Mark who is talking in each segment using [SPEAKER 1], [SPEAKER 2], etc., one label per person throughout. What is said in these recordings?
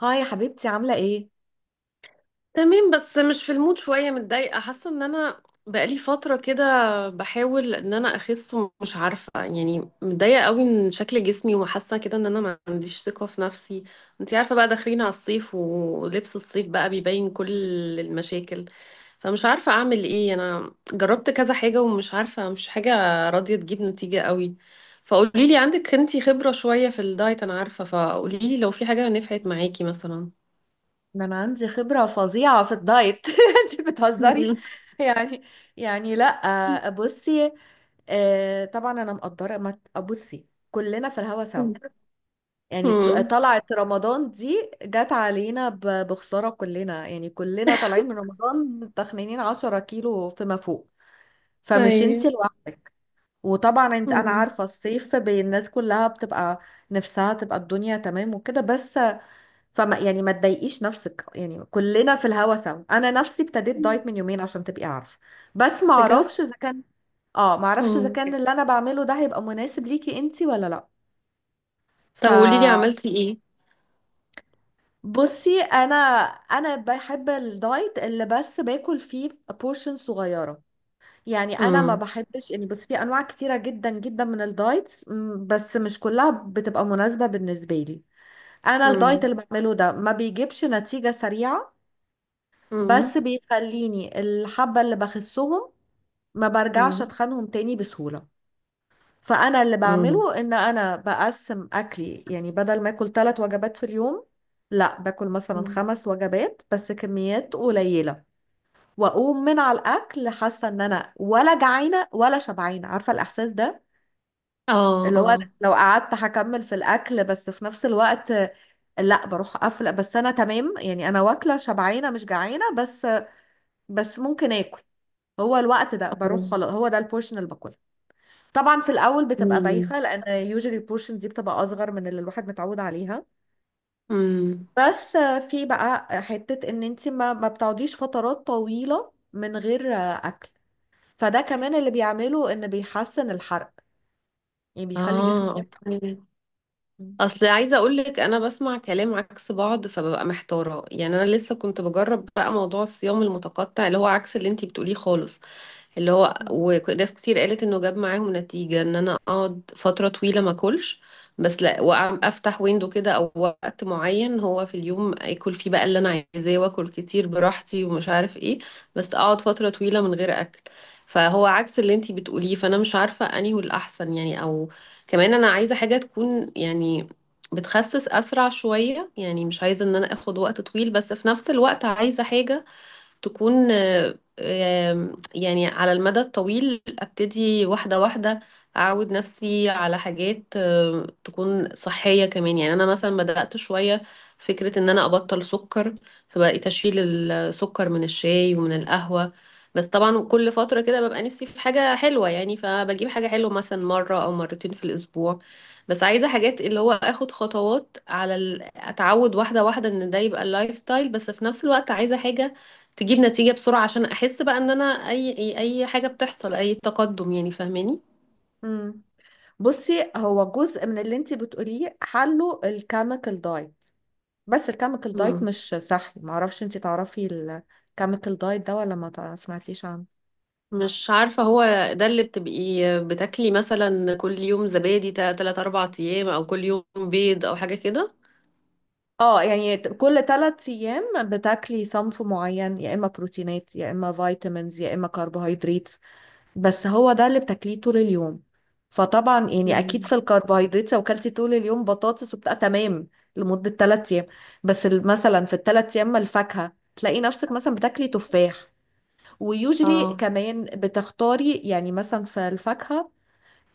[SPEAKER 1] هاي يا حبيبتي، عاملة ايه؟
[SPEAKER 2] تمام، بس مش في المود شوية. متضايقة، حاسة ان انا بقالي فترة كده بحاول ان انا اخس، ومش عارفة يعني. متضايقة قوي من شكل جسمي، وحاسة كده ان انا ما عنديش ثقة في نفسي. انتي عارفة بقى، داخلين على الصيف ولبس الصيف بقى بيبين كل المشاكل. فمش عارفة اعمل ايه. انا جربت كذا حاجة ومش عارفة، مش حاجة راضية تجيب نتيجة قوي. فقوليلي، عندك انتي خبرة شوية في الدايت انا عارفة، فقوليلي لو في حاجة نفعت معاكي مثلا.
[SPEAKER 1] ده انا عندي خبرة فظيعة في الدايت. انتي بتهزري يعني. لا بصي. طبعا انا مقدرة. ما ت- بصي، كلنا في الهوا سوا.
[SPEAKER 2] مم.
[SPEAKER 1] طلعت رمضان دي جت علينا بخسارة، كلنا يعني كلنا طالعين من رمضان تخنينين 10 كيلو فيما فوق. فمش انتي
[SPEAKER 2] ايوه.
[SPEAKER 1] لوحدك. وطبعا انت انا
[SPEAKER 2] أمم.
[SPEAKER 1] عارفة الصيف بين الناس كلها بتبقى نفسها تبقى الدنيا تمام وكده. بس فما يعني ما تضايقيش نفسك، يعني كلنا في الهوا سوا. انا نفسي ابتديت دايت من يومين عشان تبقي عارفه. بس ما
[SPEAKER 2] بجد؟
[SPEAKER 1] اعرفش اذا كان، اه، ما اعرفش اذا
[SPEAKER 2] أمم.
[SPEAKER 1] كان اللي انا بعمله ده هيبقى مناسب ليكي انتي ولا لا.
[SPEAKER 2] طب قولي لي
[SPEAKER 1] فبصي،
[SPEAKER 2] عملتي ايه؟
[SPEAKER 1] انا انا بحب الدايت اللي بس باكل فيه بورشن صغيره. يعني انا ما
[SPEAKER 2] أمم.
[SPEAKER 1] بحبش، يعني بس في انواع كتيره جدا جدا من الدايتس، بس مش كلها بتبقى مناسبه بالنسبه لي. انا الدايت
[SPEAKER 2] أمم.
[SPEAKER 1] اللي بعمله ده ما بيجيبش نتيجه سريعه،
[SPEAKER 2] أمم.
[SPEAKER 1] بس بيخليني الحبة اللي بخسهم ما برجعش
[SPEAKER 2] أمم.
[SPEAKER 1] اتخنهم تاني بسهولة. فأنا اللي
[SPEAKER 2] أمم.
[SPEAKER 1] بعمله إن أنا بقسم أكلي، يعني بدل ما أكل ثلاث وجبات في اليوم لا باكل مثلا
[SPEAKER 2] أمم.
[SPEAKER 1] خمس وجبات بس كميات قليلة. وأقوم من على الأكل حاسة إن أنا ولا جعانة ولا شبعانة، عارفة الإحساس ده؟
[SPEAKER 2] اه،
[SPEAKER 1] اللي هو
[SPEAKER 2] اه.
[SPEAKER 1] لو قعدت هكمل في الأكل، بس في نفس الوقت لا بروح قافله. بس انا تمام، يعني انا واكله شبعانه مش جعانه، بس بس ممكن اكل. هو الوقت ده
[SPEAKER 2] اه.
[SPEAKER 1] بروح، خلاص هو ده البورشن اللي باكلها. طبعا في الاول بتبقى
[SPEAKER 2] أمم.
[SPEAKER 1] بايخه لان يوجوالي البورشن دي بتبقى اصغر من اللي الواحد متعود عليها.
[SPEAKER 2] أمم.
[SPEAKER 1] بس في بقى حته ان انت ما بتقعديش فترات طويله من غير اكل. فده كمان اللي بيعمله ان بيحسن الحرق، يعني بيخلي
[SPEAKER 2] اه،
[SPEAKER 1] جسمك يحرق.
[SPEAKER 2] اوكي.
[SPEAKER 1] مم.
[SPEAKER 2] اصل عايزه اقول لك، انا بسمع كلام عكس بعض فببقى محتاره. يعني انا لسه كنت بجرب بقى موضوع الصيام المتقطع، اللي هو عكس اللي انتي بتقوليه خالص. اللي هو
[SPEAKER 1] مم.
[SPEAKER 2] وناس كتير قالت انه جاب معاهم نتيجة ان انا اقعد فترة طويلة ما اكلش. بس لا، افتح ويندو كده او وقت معين هو في اليوم اكل فيه بقى اللي انا عايزاه، واكل كتير براحتي ومش عارف ايه. بس اقعد فترة طويلة من غير اكل. فهو عكس اللي انتي بتقوليه، فانا مش عارفة انهي هو الاحسن يعني، او كمان انا عايزة حاجة تكون يعني بتخسس اسرع شوية، يعني مش عايزة ان انا اخد وقت طويل، بس في نفس الوقت عايزة حاجة تكون آه، آم، يعني على المدى الطويل، ابتدي واحدة واحدة. اعود نفسي على حاجات تكون صحية كمان. يعني انا مثلا بدأت شوية فكرة ان انا ابطل سكر. فبقيت اشيل السكر من الشاي ومن القهوة. بس طبعا كل فترة كده ببقى نفسي في حاجة حلوة، يعني فبجيب حاجة حلوة مثلا مرة او مرتين في الاسبوع. بس عايزة حاجات اللي هو اخد خطوات اتعود واحدة واحدة ان ده يبقى اللايف ستايل، بس في نفس الوقت عايزة حاجة تجيب نتيجة بسرعة، عشان أحس بقى إن أنا أي حاجة بتحصل، أي تقدم يعني. فاهماني؟
[SPEAKER 1] مم. بصي هو جزء من اللي انت بتقوليه حله الكيميكال دايت. بس الكيميكال دايت
[SPEAKER 2] مم.
[SPEAKER 1] مش صحي، معرفش انت تعرفي الكيميكال دايت ده ولا ما تع- سمعتيش عنه.
[SPEAKER 2] مش عارفة، هو ده اللي بتبقي بتاكلي مثلا كل يوم زبادي تلات أربع أيام، أو كل يوم بيض، أو حاجة كده؟
[SPEAKER 1] اه، يعني كل ثلاث ايام بتاكلي صنف معين، يا اما بروتينات يا اما فيتامينز يا اما كربوهيدرات. بس هو ده اللي بتاكليه طول اليوم. فطبعا يعني اكيد
[SPEAKER 2] مم.
[SPEAKER 1] في الكربوهيدرات لو كلتي طول اليوم بطاطس وبتاع تمام لمدة ثلاث ايام. بس ال- مثلا في الثلاث ايام، ما الفاكهة تلاقي نفسك مثلا بتاكلي تفاح. ويوجلي
[SPEAKER 2] اه.
[SPEAKER 1] كمان بتختاري يعني مثلا في الفاكهة.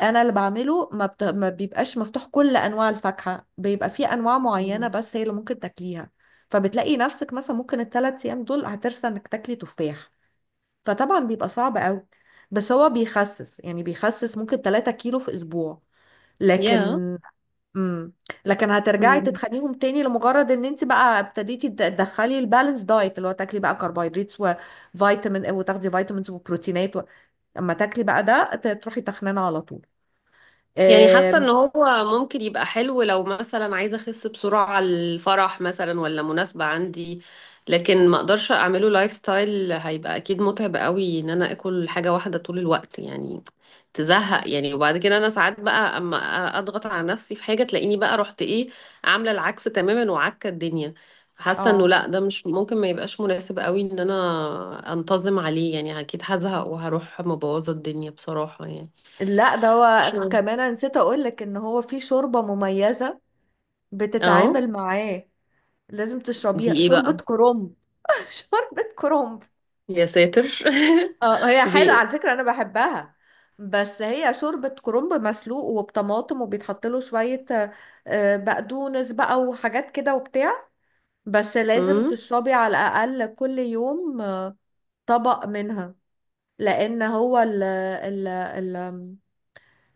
[SPEAKER 1] انا اللي بعمله ما بيبقاش مفتوح كل انواع الفاكهه، بيبقى في انواع معينه
[SPEAKER 2] مم.
[SPEAKER 1] بس هي اللي ممكن تاكليها. فبتلاقي نفسك مثلا ممكن الثلاث ايام دول هترسى انك تاكلي تفاح. فطبعا بيبقى صعب قوي، بس هو بيخسس، يعني بيخسس ممكن 3 كيلو في اسبوع. لكن
[SPEAKER 2] يا
[SPEAKER 1] امم، لكن هترجعي
[SPEAKER 2] yeah.
[SPEAKER 1] تتخنيهم تاني لمجرد ان انت بقى ابتديتي تدخلي البالانس دايت، اللي هو تاكلي بقى كربوهيدرات وفيتامين وتاخدي فيتامينز وبروتينات و... اما تاكلي بقى ده تروحي تخنانه على طول.
[SPEAKER 2] يعني حاسة ان هو ممكن يبقى حلو لو مثلا عايزة اخس بسرعة على الفرح مثلا، ولا مناسبة عندي. لكن ما اقدرش اعمله لايف ستايل، هيبقى اكيد متعب قوي ان انا اكل حاجة واحدة طول الوقت يعني. تزهق يعني. وبعد كده انا ساعات بقى اما اضغط على نفسي في حاجة، تلاقيني بقى رحت ايه، عاملة العكس تماما وعكة الدنيا. حاسة انه
[SPEAKER 1] اه،
[SPEAKER 2] لا، ده مش ممكن، ما يبقاش مناسب قوي ان انا انتظم عليه يعني، اكيد هزهق وهروح مبوظة الدنيا بصراحة يعني.
[SPEAKER 1] لا ده
[SPEAKER 2] مش
[SPEAKER 1] هو
[SPEAKER 2] عارفة.
[SPEAKER 1] كمان، أنا نسيت اقولك ان هو في شوربة مميزة
[SPEAKER 2] اه.
[SPEAKER 1] بتتعامل معاه. لازم
[SPEAKER 2] دي
[SPEAKER 1] تشربيها
[SPEAKER 2] ايه
[SPEAKER 1] شوربة
[SPEAKER 2] بقى؟
[SPEAKER 1] كرنب. شوربة كرنب.
[SPEAKER 2] يا ساتر!
[SPEAKER 1] اه هي
[SPEAKER 2] دي
[SPEAKER 1] حلوة
[SPEAKER 2] ايه؟
[SPEAKER 1] على فكرة، انا بحبها. بس هي شوربة كرنب مسلوق وبطماطم، وبيتحط له شوية بقدونس بقى وحاجات كده وبتاع. بس لازم
[SPEAKER 2] مم؟
[SPEAKER 1] تشربي على الأقل كل يوم طبق منها. لأن هو ال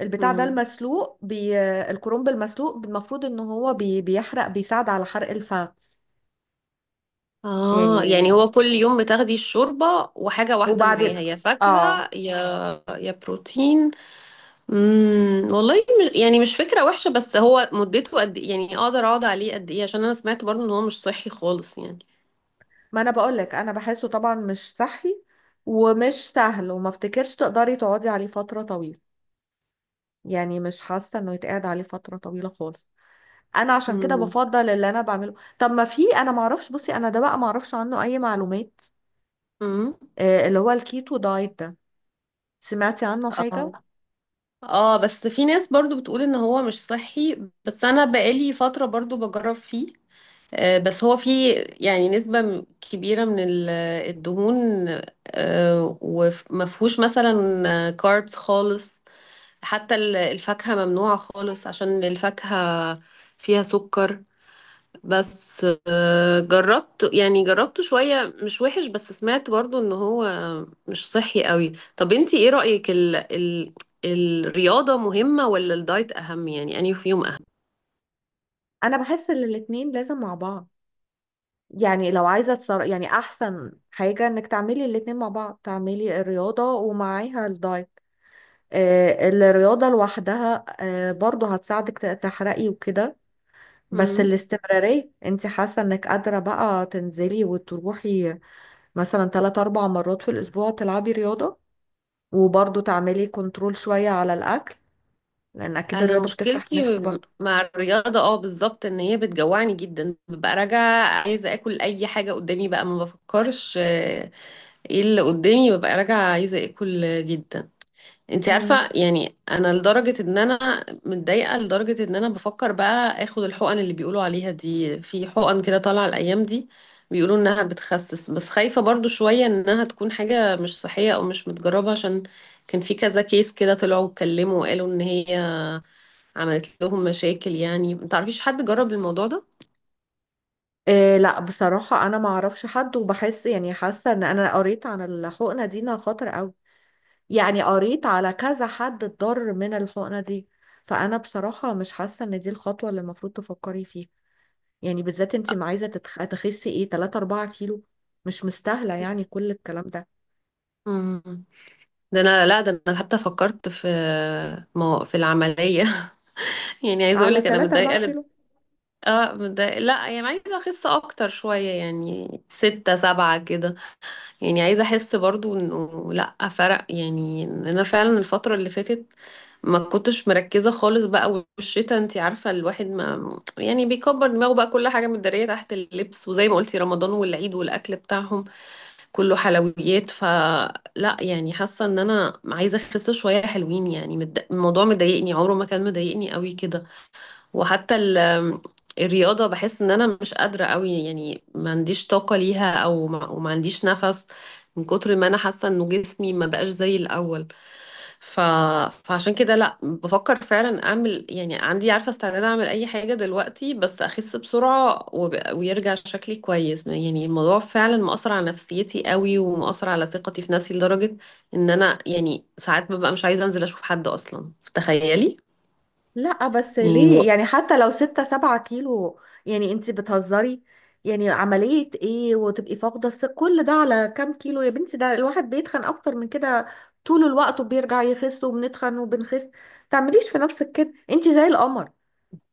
[SPEAKER 1] البتاع ده
[SPEAKER 2] مم.
[SPEAKER 1] المسلوق الكرنب المسلوق المفروض ان هو بيحرق، بيساعد على حرق الفم
[SPEAKER 2] اه، يعني
[SPEAKER 1] يعني.
[SPEAKER 2] هو كل يوم بتاخدي الشوربة وحاجة واحدة معاها،
[SPEAKER 1] وبعدين،
[SPEAKER 2] يا فاكهة،
[SPEAKER 1] اه،
[SPEAKER 2] يا بروتين. مم. والله، مش يعني مش فكرة وحشة، بس هو مدته قد ايه يعني؟ اقدر اقعد عليه قد ايه؟ عشان انا سمعت برضو ان هو مش صحي خالص يعني.
[SPEAKER 1] ما انا بقولك انا بحسه طبعا مش صحي، ومش سهل، وما افتكرش تقدري تقعدي عليه فترة طويلة. يعني مش حاسة انه يتقعد عليه فترة طويلة خالص. انا عشان كده
[SPEAKER 2] مم.
[SPEAKER 1] بفضل اللي انا بعمله. طب ما في، انا معرفش، بصي انا ده بقى معرفش عنه اي معلومات،
[SPEAKER 2] مم.
[SPEAKER 1] آه، اللي هو الكيتو دايت ده، سمعتي عنه
[SPEAKER 2] اه،
[SPEAKER 1] حاجة؟
[SPEAKER 2] اه. بس في ناس برضو بتقول ان هو مش صحي. بس انا بقالي فترة برضو بجرب فيه. بس هو في يعني نسبة كبيرة من الدهون، ومفهوش مثلا كاربس خالص. حتى الفاكهة ممنوعة خالص، عشان الفاكهة فيها سكر. بس جربت، يعني جربته شوية مش وحش، بس سمعت برضو ان هو مش صحي قوي. طب انتي ايه رأيك، ال ال الرياضة مهمة ولا الدايت أهم؟ يعني أنهي فيهم
[SPEAKER 1] انا بحس ان الاتنين لازم مع بعض. يعني لو عايزة يعني أحسن حاجة إنك تعملي الاتنين مع بعض، تعملي الرياضة ومعاها الدايت. الرياضة لوحدها برضو هتساعدك تحرقي وكده. بس
[SPEAKER 2] أهم؟
[SPEAKER 1] الاستمرارية، انت حاسة انك قادرة بقى تنزلي وتروحي مثلا تلات أربع مرات في الأسبوع تلعبي رياضة وبرضو تعملي كنترول شوية على الأكل؟ لأن أكيد
[SPEAKER 2] انا
[SPEAKER 1] الرياضة بتفتح
[SPEAKER 2] مشكلتي
[SPEAKER 1] النفس برضو.
[SPEAKER 2] مع الرياضه، اه بالظبط، ان هي بتجوعني جدا، ببقى راجعه عايزه اكل اي حاجه قدامي بقى، ما بفكرش ايه اللي قدامي. ببقى راجعه عايزه اكل جدا. انت عارفه
[SPEAKER 1] مم.
[SPEAKER 2] يعني، انا لدرجه ان انا متضايقه، لدرجه ان انا بفكر بقى اخد الحقن اللي بيقولوا عليها دي، في حقن كده طالعه الايام دي بيقولوا انها بتخسس، بس خايفه برضو شويه انها تكون حاجه مش صحيه او مش متجربه، عشان كان في كذا كيس كده طلعوا اتكلموا وقالوا ان هي عملت لهم مشاكل يعني. ما تعرفيش حد جرب الموضوع ده؟
[SPEAKER 1] إيه، لا بصراحة أنا ما أعرفش حد، وبحس يعني حاسة إن أنا قريت عن الحقنة دي إنها خطر أوي. يعني قريت على كذا حد اتضر من الحقنة دي. فأنا بصراحة مش حاسة إن دي الخطوة اللي المفروض تفكري فيها. يعني بالذات انت ما عايزة تخسي ايه، 3 4 كيلو. مش مستاهلة يعني كل الكلام ده
[SPEAKER 2] مم. ده انا، لا ده انا حتى فكرت في العمليه. يعني عايزه اقول
[SPEAKER 1] على
[SPEAKER 2] لك انا
[SPEAKER 1] 3 4
[SPEAKER 2] متضايقه
[SPEAKER 1] كيلو.
[SPEAKER 2] اه متضايقه، لا يعني عايزه اخس اكتر شويه، يعني ستة سبعة كده. يعني عايزه احس برضو انه لا، فرق يعني إن انا فعلا الفتره اللي فاتت ما كنتش مركزه خالص بقى، والشتا انت عارفه، الواحد ما يعني بيكبر دماغه بقى كل حاجه متداريه تحت اللبس، وزي ما قلتي رمضان والعيد والاكل بتاعهم كله حلويات. فلا يعني، حاسة ان انا عايزة اخس شوية حلوين يعني الموضوع مضايقني، عمره ما كان مضايقني قوي كده. وحتى الرياضة بحس ان انا مش قادرة قوي يعني، ما عنديش طاقة ليها، او ما, وما عنديش نفس من كتر ما انا حاسة انه جسمي ما بقاش زي الاول. ف... فعشان كده لا، بفكر فعلا اعمل يعني، عندي عارفة استعداد اعمل اي حاجة دلوقتي بس اخس بسرعة ويرجع شكلي كويس يعني. الموضوع فعلا مؤثر على نفسيتي قوي، ومؤثر على ثقتي في نفسي لدرجة ان انا يعني ساعات ببقى مش عايزة انزل اشوف حد اصلا. تخيلي!
[SPEAKER 1] لا بس
[SPEAKER 2] يعني
[SPEAKER 1] ليه، يعني حتى لو 6 7 كيلو، يعني انت بتهزري. يعني عملية ايه وتبقي فاقدة كل ده على كام كيلو يا بنتي؟ ده الواحد بيتخن اكتر من كده طول الوقت وبيرجع يخس، وبنتخن وبنخس. تعمليش في نفسك كده، انت زي القمر.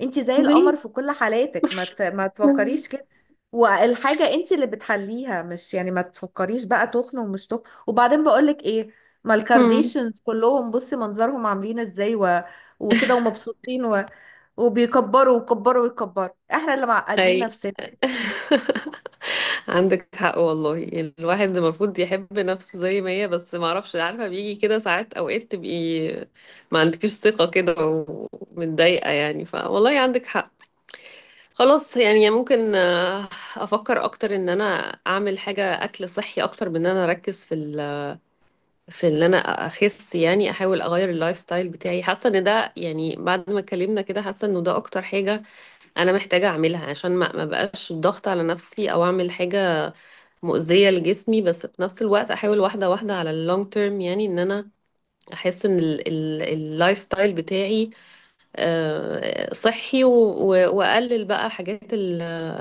[SPEAKER 1] انت زي القمر في كل حالاتك، ما تفكريش
[SPEAKER 2] الوقت.
[SPEAKER 1] كده. والحاجة انت اللي بتحليها، مش يعني، ما تفكريش بقى تخن ومش تخن. وبعدين بقولك ايه، ما
[SPEAKER 2] مم.
[SPEAKER 1] الكارديشنز كلهم بصي منظرهم عاملين ازاي و... وكده ومبسوطين و... وبيكبروا ويكبروا ويكبروا. احنا اللي معقدين
[SPEAKER 2] اي.
[SPEAKER 1] نفسنا.
[SPEAKER 2] عندك حق والله. الواحد المفروض يحب نفسه زي ما هي، بس ما اعرفش، عارفه بيجي كده ساعات، اوقات تبقي ما عندكيش ثقه كده ومتضايقه يعني. فوالله عندك حق. خلاص يعني. ممكن افكر اكتر ان انا اعمل حاجه، اكل صحي اكتر من ان انا اركز في ان انا اخس يعني. احاول اغير اللايف ستايل بتاعي، حاسه ان ده يعني بعد ما اتكلمنا كده، حاسه انه ده اكتر حاجه انا محتاجة اعملها، عشان ما بقاش ضغط على نفسي او اعمل حاجة مؤذية لجسمي. بس في نفس الوقت احاول واحدة واحدة على اللونج تيرم، يعني ان انا احس ان اللايف ستايل بتاعي صحي، واقلل بقى حاجات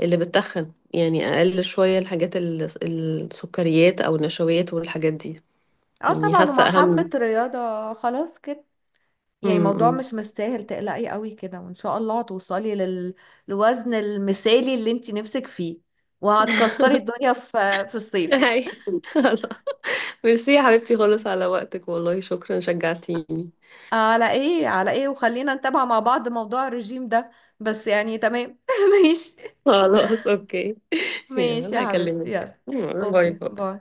[SPEAKER 2] اللي بتتخن، يعني اقلل شوية الحاجات السكريات او النشويات والحاجات دي.
[SPEAKER 1] اه
[SPEAKER 2] يعني
[SPEAKER 1] طبعا،
[SPEAKER 2] حاسة
[SPEAKER 1] ومع حبة
[SPEAKER 2] اهم.
[SPEAKER 1] رياضة خلاص كده. يعني الموضوع
[SPEAKER 2] امم.
[SPEAKER 1] مش مستاهل تقلقي قوي كده، وان شاء الله هتوصلي لل... للوزن المثالي اللي انت نفسك فيه، وهتكسري الدنيا في الصيف.
[SPEAKER 2] هاي. ميرسي يا حبيبتي خالص على وقتك، والله شكرا، شجعتيني.
[SPEAKER 1] على ايه، على ايه، وخلينا نتابع مع بعض موضوع الرجيم ده، بس يعني تمام. ماشي.
[SPEAKER 2] خلاص، اوكي.
[SPEAKER 1] ماشي
[SPEAKER 2] يلا
[SPEAKER 1] يا حبيبتي،
[SPEAKER 2] هكلمك.
[SPEAKER 1] يلا.
[SPEAKER 2] باي
[SPEAKER 1] اوكي،
[SPEAKER 2] باي.
[SPEAKER 1] باي.